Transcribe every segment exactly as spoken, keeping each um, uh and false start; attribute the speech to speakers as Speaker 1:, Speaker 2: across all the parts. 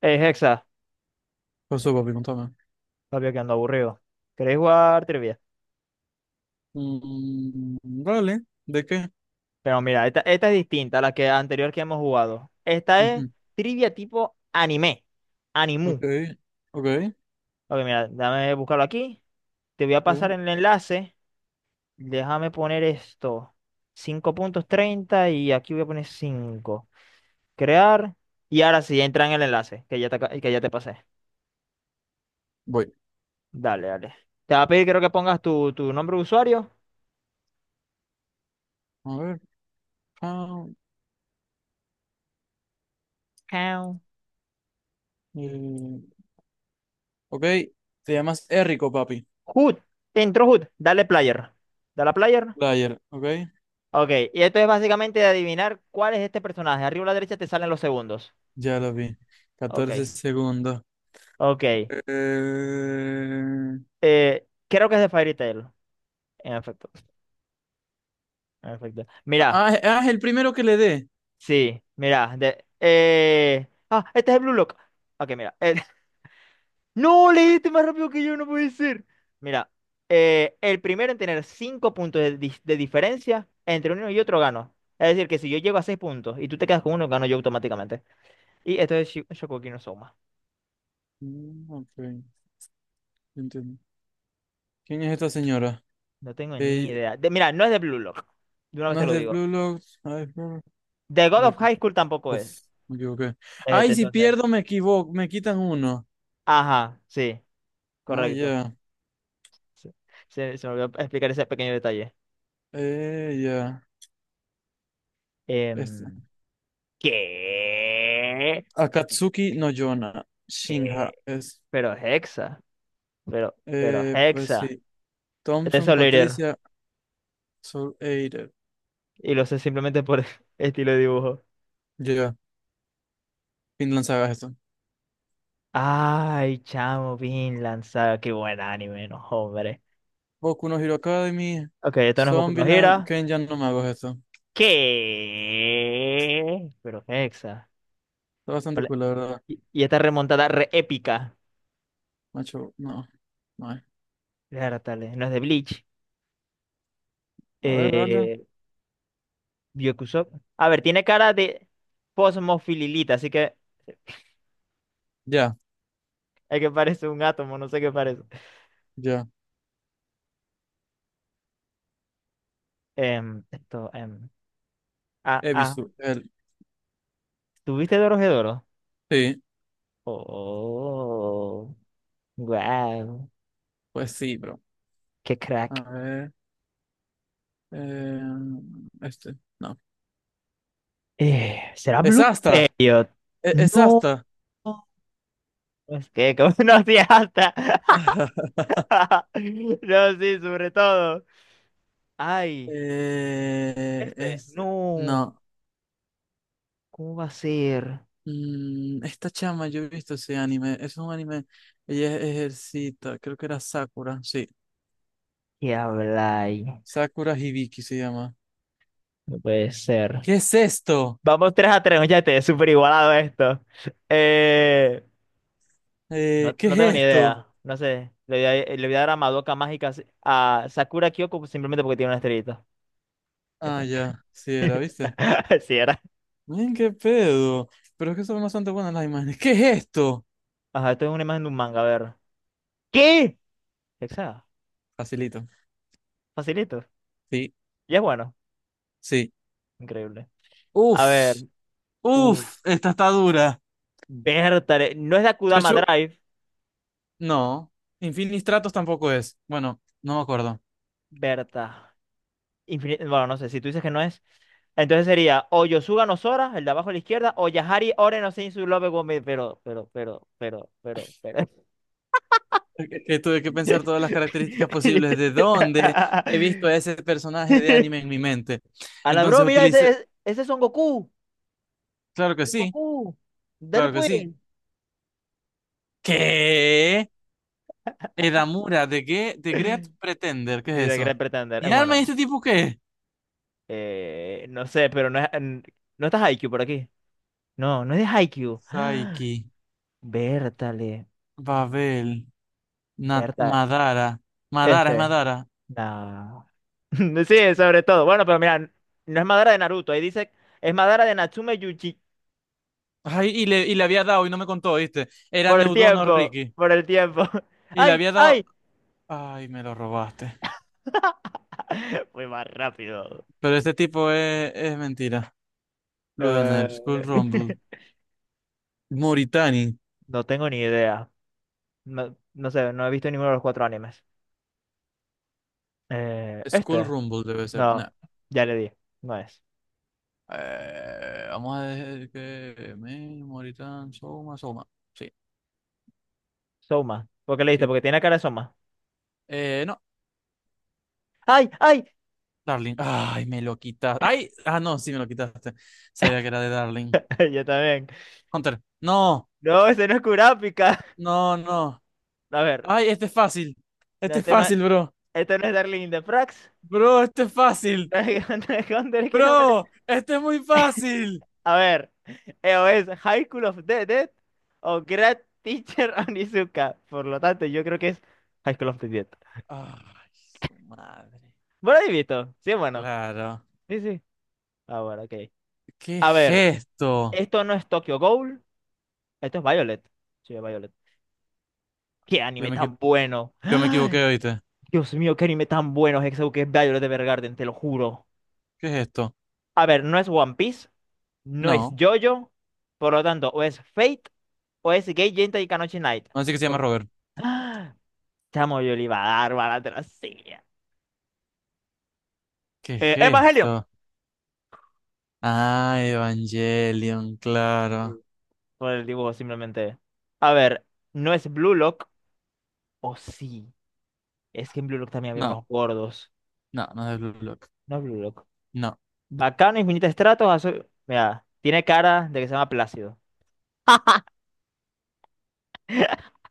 Speaker 1: Es Hexa,
Speaker 2: Por eso, papi, contame.
Speaker 1: papi, que ando aburrido. ¿Queréis jugar trivia?
Speaker 2: Mm, vale, ¿de qué?
Speaker 1: Pero mira, esta, esta es distinta a la que anterior que hemos jugado. Esta es
Speaker 2: Ujú.
Speaker 1: trivia tipo anime, animu.
Speaker 2: Ok, ok,
Speaker 1: Ok, mira, dame buscarlo aquí. Te voy a pasar
Speaker 2: ok.
Speaker 1: el enlace. Déjame poner esto. Cinco punto treinta y aquí voy a poner cinco. Crear. Y ahora sí, entra en el enlace que ya te, aca- que ya te pasé.
Speaker 2: Voy.
Speaker 1: Dale, dale. Te va a pedir, creo que pongas tu, tu nombre de usuario.
Speaker 2: A ver. ah,
Speaker 1: Count.
Speaker 2: eh, ok, te llamas Errico, papi.
Speaker 1: Hood. Te entró Hood. Dale player. Dale a player.
Speaker 2: Player, ok.
Speaker 1: Ok, y esto es básicamente de adivinar cuál es este personaje. Arriba a la derecha te salen los segundos.
Speaker 2: Ya lo vi.
Speaker 1: Ok,
Speaker 2: Catorce segundos.
Speaker 1: ok.
Speaker 2: Eh,
Speaker 1: Eh, creo que es de Fairy Tail. En efecto, en efecto. Mira,
Speaker 2: Ah, ah, es el primero que le dé.
Speaker 1: sí, mira. De, eh... Ah, este es el Blue Lock. Ok, mira. eh, No, leíste más rápido que yo, no puede ser. Mira, eh, el primero en tener cinco puntos de, dis- de diferencia entre uno y otro gano. Es decir, que si yo llego a seis puntos y tú te quedas con uno, gano yo automáticamente. Y esto es Shi- Shokugeki no Soma.
Speaker 2: Mm, ok, entiendo. ¿Quién es esta señora?
Speaker 1: No tengo ni
Speaker 2: Eh,
Speaker 1: idea. De- mira, no es de Blue Lock. De una vez
Speaker 2: no
Speaker 1: te
Speaker 2: es
Speaker 1: lo
Speaker 2: de
Speaker 1: digo.
Speaker 2: Blue Locks. Ah, es Blue Lock,
Speaker 1: The God
Speaker 2: ah,
Speaker 1: of
Speaker 2: aquí.
Speaker 1: High School tampoco
Speaker 2: Uf,
Speaker 1: es.
Speaker 2: me equivoqué.
Speaker 1: Este,
Speaker 2: Ay, si
Speaker 1: entonces.
Speaker 2: pierdo me equivoco, me quitan uno.
Speaker 1: Ajá, sí,
Speaker 2: Ah,
Speaker 1: correcto.
Speaker 2: ya.
Speaker 1: Sí, Se, se me olvidó explicar ese pequeño detalle.
Speaker 2: Eh, ya. Este.
Speaker 1: Em, ¿Qué?
Speaker 2: Akatsuki no Yona. Shinha
Speaker 1: ¿Qué?
Speaker 2: es.
Speaker 1: Pero Hexa. Pero, pero
Speaker 2: Eh, pues
Speaker 1: Hexa.
Speaker 2: sí.
Speaker 1: Es
Speaker 2: Thompson,
Speaker 1: Solider.
Speaker 2: Patricia, Soul Eater.
Speaker 1: Y lo sé simplemente por estilo de dibujo.
Speaker 2: Ya. Vinland Saga es esto.
Speaker 1: Ay, chamo, Vinland Saga. Qué buen anime, no, hombre.
Speaker 2: Boku no Hero Academy.
Speaker 1: Ok, esto no es Boku no
Speaker 2: Zombieland.
Speaker 1: Hero.
Speaker 2: Kenjan no Mago es esto.
Speaker 1: ¿Qué? Pero Hexa.
Speaker 2: Está bastante
Speaker 1: Hola.
Speaker 2: cool, la verdad.
Speaker 1: Y, y esta remontada re épica.
Speaker 2: Macho, no. No hay.
Speaker 1: Dártale, no es de Bleach.
Speaker 2: A ver, dale.
Speaker 1: Eh, Byakusou. A ver, tiene cara de posmofililita, así que
Speaker 2: Ya,
Speaker 1: hay que parece un átomo, no sé qué parece.
Speaker 2: ya.
Speaker 1: Em, esto, em, ah, ah.
Speaker 2: Ebisu. El.
Speaker 1: ¿Tuviste Dorohedoro?
Speaker 2: Sí.
Speaker 1: Oh, wow.
Speaker 2: Pues sí, bro.
Speaker 1: Qué
Speaker 2: A
Speaker 1: crack.
Speaker 2: ver. Eh, este. No.
Speaker 1: Eh, ¿será
Speaker 2: Es
Speaker 1: Blue
Speaker 2: hasta.
Speaker 1: Period?
Speaker 2: e, Es
Speaker 1: No.
Speaker 2: hasta.
Speaker 1: No, no, es que, como no hacía alta. No, sí, sobre todo. Ay,
Speaker 2: Eh,
Speaker 1: este.
Speaker 2: es,
Speaker 1: No,
Speaker 2: no,
Speaker 1: ¿cómo va a ser?
Speaker 2: Mm, esta chama, yo he visto ese anime, es un anime, ella es ejercita, creo que era Sakura, sí,
Speaker 1: ¿Qué habláis?
Speaker 2: Sakura Hibiki se llama.
Speaker 1: No puede ser.
Speaker 2: ¿Qué es esto?
Speaker 1: Vamos tres a tres ya te súper igualado esto. Eh,
Speaker 2: Eh,
Speaker 1: no,
Speaker 2: ¿qué
Speaker 1: no
Speaker 2: es
Speaker 1: tengo ni
Speaker 2: esto?
Speaker 1: idea, no sé. Le voy a, le voy a dar a Madoka Mágica si, a Sakura Kyoko simplemente porque tiene una estrellita. Ya
Speaker 2: Ah,
Speaker 1: está.
Speaker 2: ya, sí era, ¿viste?
Speaker 1: Así era.
Speaker 2: Miren qué pedo, pero es que son bastante buenas las imágenes. ¿Qué es esto?
Speaker 1: Ajá, esto es una imagen de un manga, a ver. ¿Qué? Exacto.
Speaker 2: Facilito,
Speaker 1: Facilito.
Speaker 2: sí,
Speaker 1: Y es bueno.
Speaker 2: sí.
Speaker 1: Increíble. A ver.
Speaker 2: Uf,
Speaker 1: Uh,
Speaker 2: uf, esta está dura.
Speaker 1: Berta, eh, no es de Akudama
Speaker 2: Yo,
Speaker 1: Drive,
Speaker 2: no, Infinistratos tampoco es, bueno, no me acuerdo.
Speaker 1: Berta. Infini- bueno, no sé, si tú dices que no es. Entonces sería o Yosuga no Sora, el de abajo a la izquierda, o Yahari Ore no Seizu Love Gomez, pero, pero, pero, pero, pero, pero.
Speaker 2: Que que tuve que pensar todas las características posibles de dónde he visto a ese personaje de anime en mi mente.
Speaker 1: A la bro,
Speaker 2: Entonces
Speaker 1: mira, ese
Speaker 2: utilicé,
Speaker 1: es, ese es Son Goku.
Speaker 2: claro que
Speaker 1: Son
Speaker 2: sí,
Speaker 1: Goku. Dale
Speaker 2: claro que sí.
Speaker 1: pues.
Speaker 2: ¿Qué? Edamura, ¿de qué? ¿De Great Pretender? ¿Qué
Speaker 1: Sí,
Speaker 2: es
Speaker 1: de Gran
Speaker 2: eso?
Speaker 1: Pretender. Es
Speaker 2: ¿Mi alma y
Speaker 1: bueno.
Speaker 2: este tipo qué?
Speaker 1: Eh, no sé, pero no es. n- No está Haikyuu por aquí. No, no es de Haikyuu.
Speaker 2: Saiki,
Speaker 1: Bertale.
Speaker 2: Babel, Na-
Speaker 1: Berta,
Speaker 2: Madara. Madara, es
Speaker 1: este,
Speaker 2: Madara.
Speaker 1: no. Sí, sobre todo. Bueno, pero mira, no es Madara de Naruto. Ahí dice, es Madara de Natsume Yuji.
Speaker 2: Ay, y le, y le había dado y no me contó, ¿viste? Era
Speaker 1: Por el
Speaker 2: Neudono
Speaker 1: tiempo,
Speaker 2: Ricky.
Speaker 1: por el tiempo.
Speaker 2: Y le
Speaker 1: ¡Ay,
Speaker 2: había dado.
Speaker 1: ay!
Speaker 2: Ay, me lo robaste.
Speaker 1: Fui más rápido.
Speaker 2: Pero este tipo es, es mentira.
Speaker 1: Eh,
Speaker 2: Luganar, Skull Rumble. Mauritani.
Speaker 1: no tengo ni idea. No, no sé, no he visto ninguno de los cuatro animes. Eh,
Speaker 2: Skull
Speaker 1: este,
Speaker 2: Rumble debe ser.
Speaker 1: no,
Speaker 2: Nah.
Speaker 1: ya le di. No es.
Speaker 2: Eh, vamos a decir que. Me, Mauritán, Soma, Soma. Sí,
Speaker 1: Soma. ¿Por qué le diste?
Speaker 2: sí.
Speaker 1: Porque tiene cara de Soma.
Speaker 2: Eh, no,
Speaker 1: ¡Ay, ay!
Speaker 2: Darling. Ay, me lo quitaste. Ay, ah, no, sí me lo quitaste. Sabía que era de Darling.
Speaker 1: Yo también.
Speaker 2: Hunter. No,
Speaker 1: No, ese no es Kurapika.
Speaker 2: no, no.
Speaker 1: A ver,
Speaker 2: Ay, este es fácil.
Speaker 1: no,
Speaker 2: Este es
Speaker 1: este no es,
Speaker 2: fácil, bro.
Speaker 1: este no es Darling in the Franxx.
Speaker 2: Bro, este es fácil.
Speaker 1: Dragon Dragon Ball, es que no me...
Speaker 2: Bro, este es muy fácil.
Speaker 1: A ver, eh, o es High School of the Dead o Great Teacher Onizuka. Por lo tanto, yo creo que es High School of the Dead.
Speaker 2: Ay, su madre.
Speaker 1: Bueno, ahí visto. Sí, bueno.
Speaker 2: Claro.
Speaker 1: Sí, sí. Ah, bueno, ok.
Speaker 2: ¿Qué
Speaker 1: A
Speaker 2: es
Speaker 1: ver,
Speaker 2: esto?
Speaker 1: esto no es Tokyo Ghoul, esto es Violet. Sí, es Violet. ¡Qué
Speaker 2: Yo
Speaker 1: anime
Speaker 2: me equivo-
Speaker 1: tan bueno!
Speaker 2: Yo me equivoqué,
Speaker 1: ¡Ay!
Speaker 2: ¿oíste?
Speaker 1: Dios mío, qué anime tan bueno es ese que es Violet Evergarden, te lo juro.
Speaker 2: ¿Qué es esto?
Speaker 1: A ver, no es One Piece, no es
Speaker 2: No,
Speaker 1: JoJo, por lo tanto, o es Fate o es Gate Genta y Kanochi Knight.
Speaker 2: así que se llama Robert.
Speaker 1: ¡Ah! Chamo, yo le iba a dar bala, te lo hacía.
Speaker 2: ¿Qué es
Speaker 1: Eh, Evangelion.
Speaker 2: esto? Ah, Evangelion, claro.
Speaker 1: Sí. Por el dibujo, simplemente. A ver, ¿no es Blue Lock? O sí. Es que en Blue Lock también había
Speaker 2: No,
Speaker 1: unos gordos.
Speaker 2: no, no es de Blue Lock.
Speaker 1: No es Blue Lock.
Speaker 2: No,
Speaker 1: Bacano, infinito estratos, azul. Mira, tiene cara de que se llama Plácido.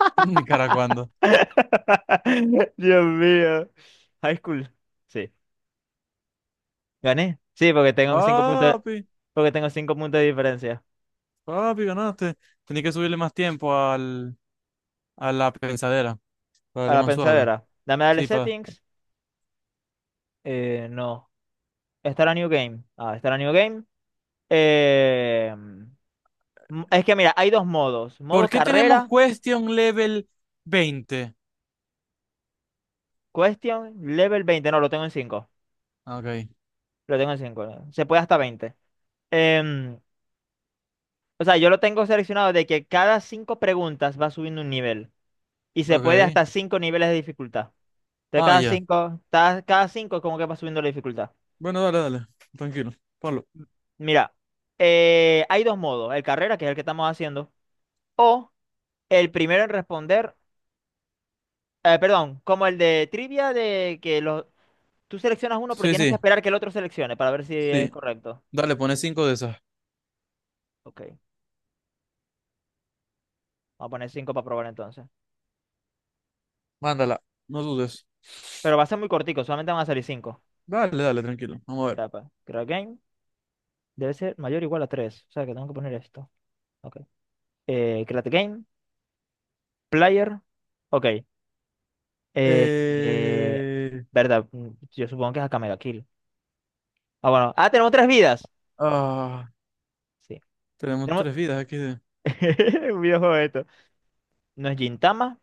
Speaker 2: mi cara cuando.
Speaker 1: Dios mío. High school. Sí. ¿Gané? Sí, porque tengo cinco puntos,
Speaker 2: Papi,
Speaker 1: porque tengo cinco puntos de diferencia.
Speaker 2: papi, ganaste. Tenía que subirle más tiempo al, a la pensadera para
Speaker 1: A
Speaker 2: darle
Speaker 1: la
Speaker 2: más suave.
Speaker 1: pensadera. Dame dale
Speaker 2: Sí, pa.
Speaker 1: settings. Eh, no. Estará New Game. Ah, estará New Game. Eh, m- es que mira, hay dos modos.
Speaker 2: ¿Por
Speaker 1: Modo
Speaker 2: qué tenemos
Speaker 1: carrera,
Speaker 2: question level veinte?
Speaker 1: question, level veinte. No, lo tengo en cinco.
Speaker 2: Ok,
Speaker 1: Lo tengo en cinco. Se puede hasta veinte. Em, o sea, yo lo tengo seleccionado de que cada cinco preguntas va subiendo un nivel. Y se puede
Speaker 2: ok.
Speaker 1: hasta cinco niveles de dificultad. De
Speaker 2: Ah,
Speaker 1: cada
Speaker 2: ya.
Speaker 1: cinco, cada cinco es como que va subiendo la dificultad.
Speaker 2: Bueno, dale, dale. Tranquilo, ponlo.
Speaker 1: Mira, eh, hay dos modos. El carrera, que es el que estamos haciendo, o el primero en responder, eh, perdón, como el de trivia de que los, tú seleccionas uno, pero
Speaker 2: Sí,
Speaker 1: tienes que
Speaker 2: sí,
Speaker 1: esperar que el otro seleccione para ver si es
Speaker 2: sí.
Speaker 1: correcto.
Speaker 2: Dale, pone cinco de esas.
Speaker 1: Ok. Vamos a poner cinco para probar entonces.
Speaker 2: Mándala, no dudes.
Speaker 1: Pero va a ser muy cortico, solamente van a salir cinco.
Speaker 2: Dale, dale, tranquilo. Vamos a ver.
Speaker 1: Tapa. Create game. Debe ser mayor o igual a tres. O sea que tengo que poner esto. Ok. Eh, create game. Player. Ok. Eh, eh,
Speaker 2: Eh...
Speaker 1: Verdad. mm, Yo supongo que es acá Mega Kill. Ah, bueno. Ah, tenemos tres vidas.
Speaker 2: Ah,
Speaker 1: Sí.
Speaker 2: tenemos
Speaker 1: Tenemos
Speaker 2: tres vidas aquí. de-
Speaker 1: un videojuego de esto. No es Gintama.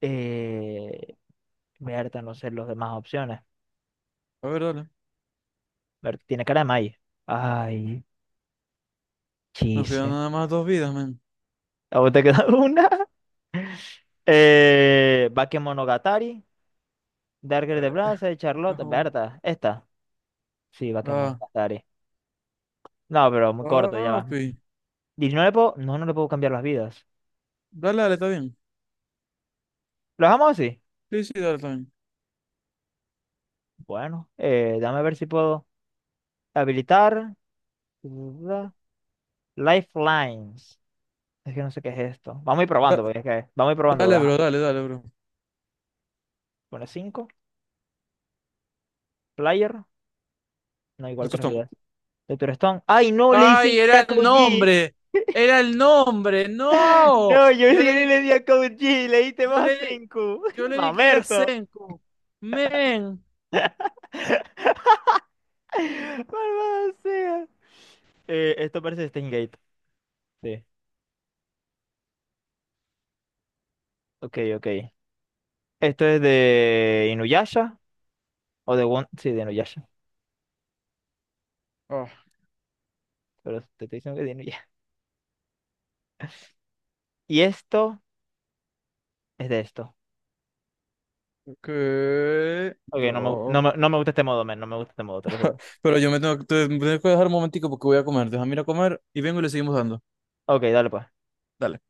Speaker 1: Eh, Verdad, no sé las demás opciones.
Speaker 2: A ver, dale.
Speaker 1: Ver, tiene cara de Mai. Ay,
Speaker 2: Nos quedan
Speaker 1: Chise.
Speaker 2: nada más dos vidas, men.
Speaker 1: ¿A vos te queda una? Eh, Bakemonogatari, Darker de
Speaker 2: A
Speaker 1: Blaze, Charlotte,
Speaker 2: cajón.
Speaker 1: Berta, esta. Sí,
Speaker 2: Ah,
Speaker 1: Bakemonogatari. No, pero muy corto, ya va.
Speaker 2: papi.
Speaker 1: Y no le puedo, no, no le puedo cambiar las vidas.
Speaker 2: Dale, dale, está bien.
Speaker 1: ¿Lo dejamos así?
Speaker 2: Sí, sí, dale, está bien.
Speaker 1: Bueno, eh, dame a ver si puedo habilitar. da- Lifelines. Es que no sé qué es esto. Vamos a ir
Speaker 2: Da-
Speaker 1: probando, porque es que vamos a ir probando. Porque,
Speaker 2: dale,
Speaker 1: ajá.
Speaker 2: bro, dale, dale, bro.
Speaker 1: Pone cinco. Player. No,
Speaker 2: De
Speaker 1: igual tres
Speaker 2: Costón.
Speaker 1: vidas. Doctor Stone. ¡Ay, no! Le dicen
Speaker 2: Ay,
Speaker 1: que
Speaker 2: era
Speaker 1: era
Speaker 2: el
Speaker 1: Code Geass.
Speaker 2: nombre. Era el nombre. No.
Speaker 1: No, yo
Speaker 2: Yo
Speaker 1: sí
Speaker 2: le di
Speaker 1: le
Speaker 2: que,
Speaker 1: di a Code G, le diste
Speaker 2: yo
Speaker 1: más
Speaker 2: le
Speaker 1: a
Speaker 2: di,
Speaker 1: Senku.
Speaker 2: yo le di que era
Speaker 1: Mamerto.
Speaker 2: Senko. Men.
Speaker 1: Malvado sea. Eh, esto parece Steingate. Sí. Ok, ok. Esto es de Inuyasha o de One. Sí, de Inuyasha.
Speaker 2: Ah,
Speaker 1: Pero te estoy diciendo que es de Inuyasha. Y esto es de esto.
Speaker 2: ¿qué?
Speaker 1: Ok, no me, no
Speaker 2: Bro.
Speaker 1: me, no me gusta este modo, men. No me gusta este modo, te lo juro.
Speaker 2: Pero yo me tengo, te- me tengo que dejar un momentico porque voy a comer. Déjame ir a comer y vengo y le seguimos dando.
Speaker 1: Ok, dale pues.
Speaker 2: Dale.